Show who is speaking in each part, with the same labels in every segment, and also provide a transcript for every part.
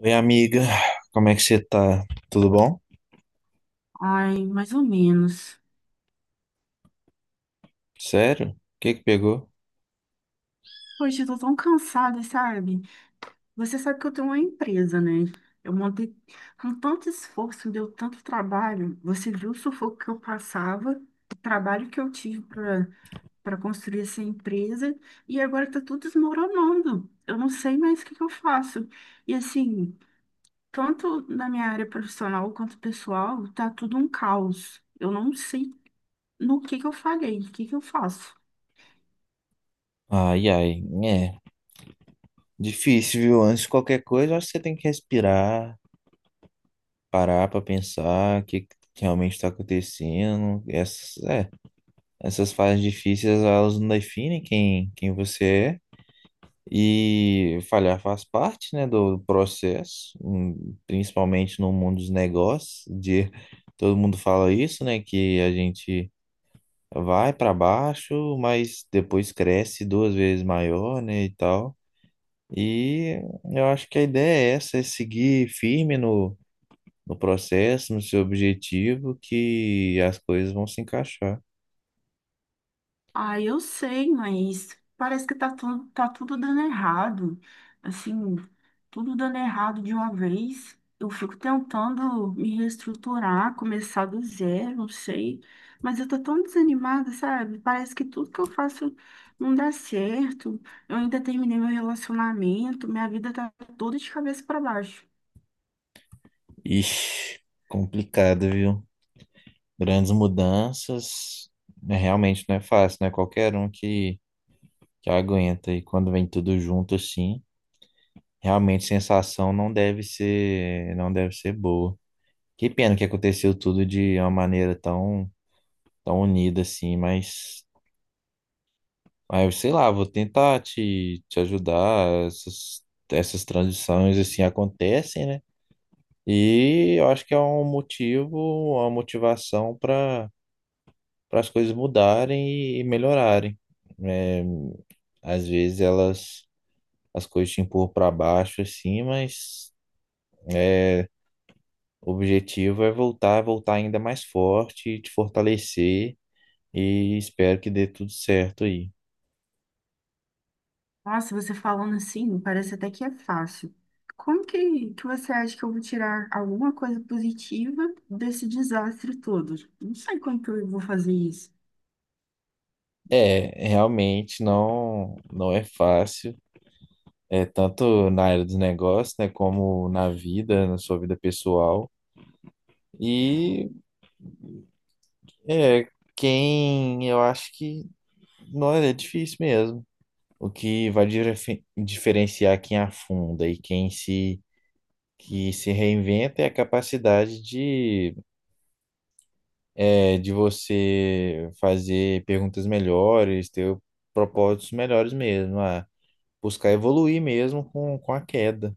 Speaker 1: Oi, amiga, como é que você tá? Tudo bom?
Speaker 2: Ai, mais ou menos.
Speaker 1: Sério? O que pegou?
Speaker 2: Poxa, eu tô tão cansada, sabe? Você sabe que eu tenho uma empresa, né? Eu montei com tanto esforço, deu tanto trabalho. Você viu o sufoco que eu passava, o trabalho que eu tive para construir essa empresa, e agora tá tudo desmoronando. Eu não sei mais o que que eu faço. E assim, tanto na minha área profissional quanto pessoal, tá tudo um caos. Eu não sei no que eu falhei, o que que eu faço.
Speaker 1: Ai, ai, é difícil, viu? Antes de qualquer coisa, eu acho que você tem que respirar, parar pra pensar o que realmente tá acontecendo. Essas fases difíceis, elas não definem quem você é. E falhar faz parte, né, do processo, principalmente no mundo dos negócios, de todo mundo fala isso, né, que a gente vai para baixo, mas depois cresce duas vezes maior, né, e tal. E eu acho que a ideia é essa, é seguir firme no processo, no seu objetivo, que as coisas vão se encaixar.
Speaker 2: Ah, eu sei, mas parece que tá tudo dando errado. Assim, tudo dando errado de uma vez. Eu fico tentando me reestruturar, começar do zero, não sei. Mas eu tô tão desanimada, sabe? Parece que tudo que eu faço não dá certo. Eu ainda terminei meu relacionamento, minha vida tá toda de cabeça para baixo.
Speaker 1: Ixi, complicado, viu? Grandes mudanças, né, realmente não é fácil, não é qualquer um que aguenta. E quando vem tudo junto assim, realmente a sensação não deve ser boa. Que pena que aconteceu tudo de uma maneira tão, tão unida assim, mas ah, eu sei lá, vou tentar te ajudar. Essas transições assim acontecem, né? E eu acho que é um motivo, uma motivação para as coisas mudarem e melhorarem. É, às vezes elas as coisas te empurram para baixo assim, mas é, o objetivo é voltar, voltar ainda mais forte, te fortalecer e espero que dê tudo certo aí.
Speaker 2: Nossa, você falando assim, parece até que é fácil. Como que você acha que eu vou tirar alguma coisa positiva desse desastre todo? Não sei como que eu vou fazer isso.
Speaker 1: É, realmente não é fácil, é tanto na área dos negócios, né, como na vida, na sua vida pessoal. E é quem eu acho que não é difícil mesmo. O que vai diferenciar quem afunda e quem se que se reinventa é a capacidade de você fazer perguntas melhores, ter propósitos melhores mesmo. Ah, buscar evoluir mesmo com a queda.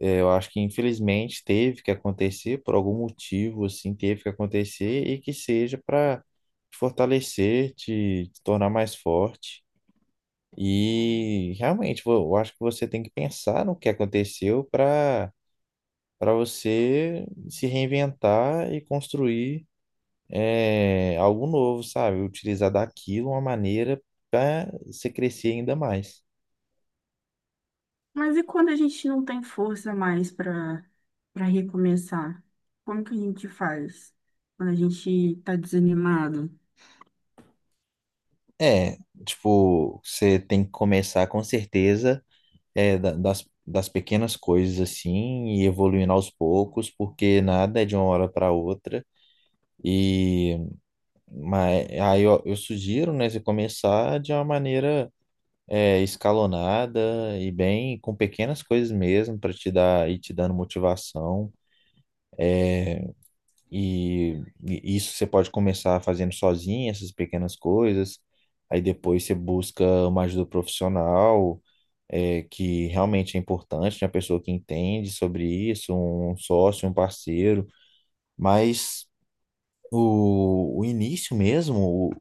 Speaker 1: É, eu acho que infelizmente teve que acontecer por algum motivo, assim, teve que acontecer e que seja para te fortalecer, te tornar mais forte. E realmente, eu acho que você tem que pensar no que aconteceu para você se reinventar e construir é, algo novo, sabe? Utilizar daquilo uma maneira para você crescer ainda mais.
Speaker 2: Mas e quando a gente não tem força mais para recomeçar? Como que a gente faz quando a gente tá desanimado?
Speaker 1: É, tipo, você tem que começar com certeza é, das pequenas coisas assim e evoluindo aos poucos, porque nada é de uma hora para outra. E mas, aí eu sugiro, né, você começar de uma maneira é, escalonada e bem com pequenas coisas mesmo para te dar e te dando motivação. E isso você pode começar fazendo sozinho, essas pequenas coisas. Aí depois você busca uma ajuda profissional, é, que realmente é importante, uma pessoa que entende sobre isso, um sócio, um parceiro. Mas o início mesmo,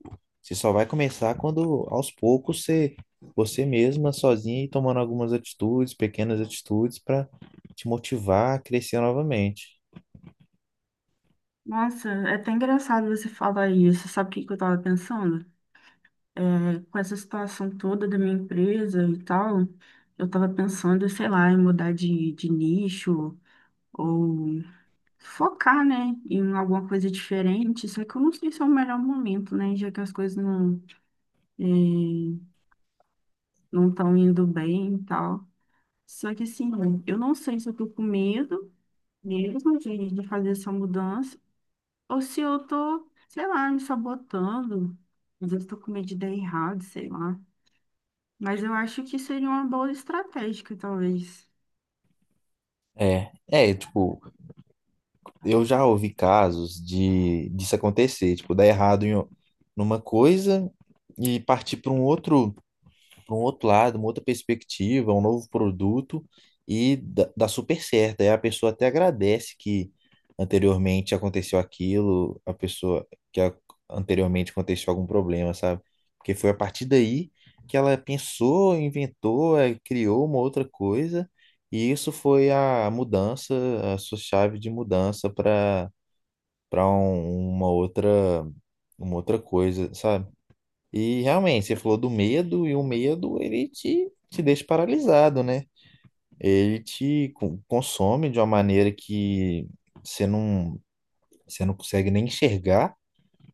Speaker 1: você só vai começar quando aos poucos você mesma, sozinha, ir tomando algumas atitudes, pequenas atitudes, para te motivar a crescer novamente.
Speaker 2: Nossa, é até engraçado você falar isso. Sabe o que que eu tava pensando? É, com essa situação toda da minha empresa e tal, eu tava pensando, sei lá, em mudar de nicho ou focar, né, em alguma coisa diferente. Só que eu não sei se é o melhor momento, né, já que as coisas é, não estão indo bem e tal. Só que assim, eu não sei se eu tô com medo mesmo de fazer essa mudança ou se eu tô, sei lá, me sabotando. Às vezes eu tô com medo de dar errado, sei lá. Mas eu acho que seria uma boa estratégia, talvez.
Speaker 1: Tipo, eu já ouvi casos de disso acontecer, tipo, dar errado numa coisa e partir para um outro lado, uma outra perspectiva, um novo produto e dá super certo. Aí a pessoa até agradece que anteriormente aconteceu aquilo, a pessoa que a- anteriormente aconteceu algum problema, sabe? Porque foi a partir daí que ela pensou, inventou, criou uma outra coisa e isso foi a mudança, a sua chave de mudança para uma outra coisa, sabe? E realmente, você falou do medo, e o medo ele te deixa paralisado, né? Ele te consome de uma maneira que você não, você não consegue nem enxergar,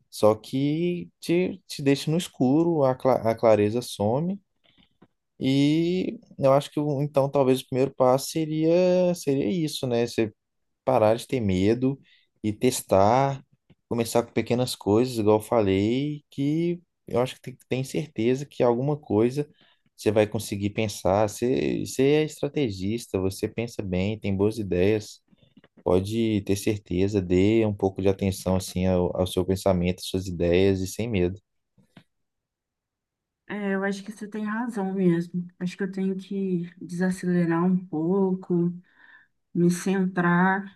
Speaker 1: só que te deixa no escuro, a clareza some. E eu acho que então talvez o primeiro passo seria isso, né? Você parar de ter medo e testar, começar com pequenas coisas, igual eu falei, que eu acho que tem certeza que alguma coisa você vai conseguir pensar. Você é estrategista, você pensa bem, tem boas ideias. Pode ter certeza, dê um pouco de atenção assim ao seu pensamento, às suas ideias e sem medo.
Speaker 2: É, eu acho que você tem razão mesmo. Acho que eu tenho que desacelerar um pouco, me centrar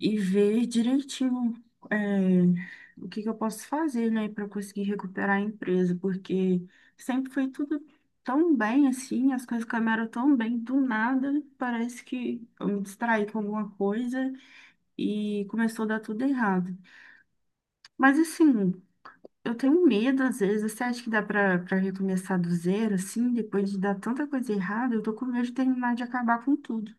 Speaker 2: e ver direitinho, é, o que que eu posso fazer, né, para conseguir recuperar a empresa, porque sempre foi tudo tão bem assim, as coisas caminharam tão bem, do nada, parece que eu me distraí com alguma coisa e começou a dar tudo errado. Mas assim. Eu tenho medo, às vezes. Você acha que dá pra recomeçar do zero, assim, depois de dar tanta coisa errada? Eu tô com medo de terminar de acabar com tudo.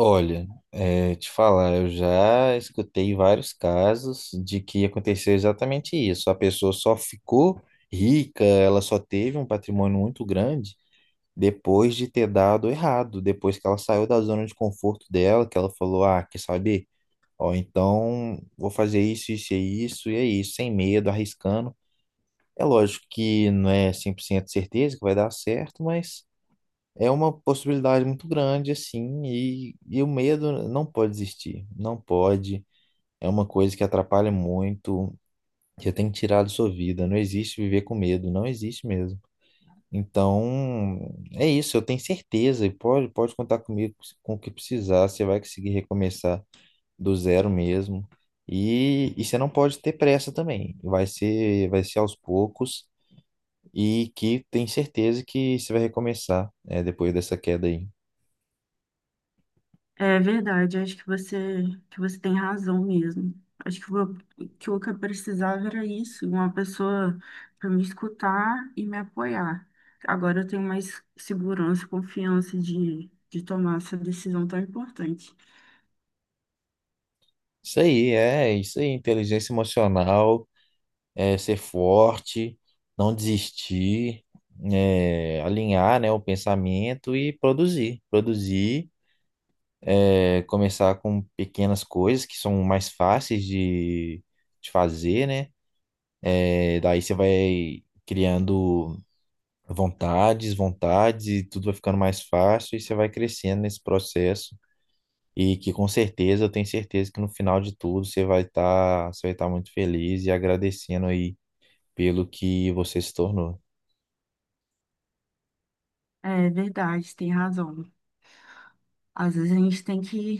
Speaker 1: Olha, é, te falar, eu já escutei vários casos de que aconteceu exatamente isso. A pessoa só ficou rica, ela só teve um patrimônio muito grande depois de ter dado errado, depois que ela saiu da zona de conforto dela, que ela falou, ah, quer saber? Ó, então vou fazer isso, isso e isso, e é isso, sem medo, arriscando. É lógico que não é 100% certeza que vai dar certo, mas é uma possibilidade muito grande, assim, e o medo não pode existir, não pode. É uma coisa que atrapalha muito, que tem que tirar da sua vida. Não existe viver com medo, não existe mesmo. Então, é isso, eu tenho certeza, e pode contar comigo com o que precisar, você vai conseguir recomeçar do zero mesmo. E você não pode ter pressa também, vai ser aos poucos, e que tem certeza que você vai recomeçar, é, depois dessa queda aí.
Speaker 2: É verdade, que você tem razão mesmo. Acho que o que eu precisava era isso, uma pessoa para me escutar e me apoiar. Agora eu tenho mais segurança, confiança de tomar essa decisão tão importante.
Speaker 1: Isso aí, é isso aí, inteligência emocional, é ser forte, não desistir, é, alinhar, né, o pensamento e produzir, produzir, é, começar com pequenas coisas que são mais fáceis de fazer, né? É, daí você vai criando vontades, vontades e tudo vai ficando mais fácil e você vai crescendo nesse processo. E que com certeza, eu tenho certeza que no final de tudo você vai estar muito feliz e agradecendo aí pelo que você se tornou.
Speaker 2: É verdade, você tem razão. Às vezes a gente tem que,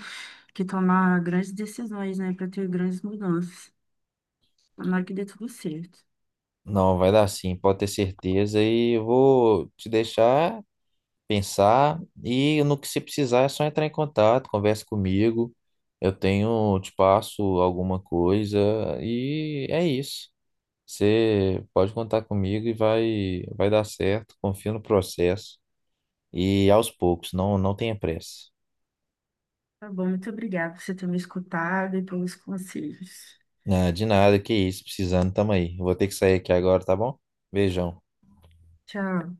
Speaker 2: que tomar grandes decisões, né, para ter grandes mudanças. Tomara que dê tudo certo.
Speaker 1: Não, vai dar sim, pode ter certeza e eu vou te deixar pensar e no que você precisar é só entrar em contato, conversa comigo. Eu tenho, te passo alguma coisa e é isso. Você pode contar comigo e vai dar certo, confia no processo e aos poucos, não tenha pressa.
Speaker 2: Tá bom, muito obrigada por você ter me escutado e pelos conselhos.
Speaker 1: Ah, de nada, que isso, precisando, tamo aí. Eu vou ter que sair aqui agora, tá bom? Beijão.
Speaker 2: Tchau.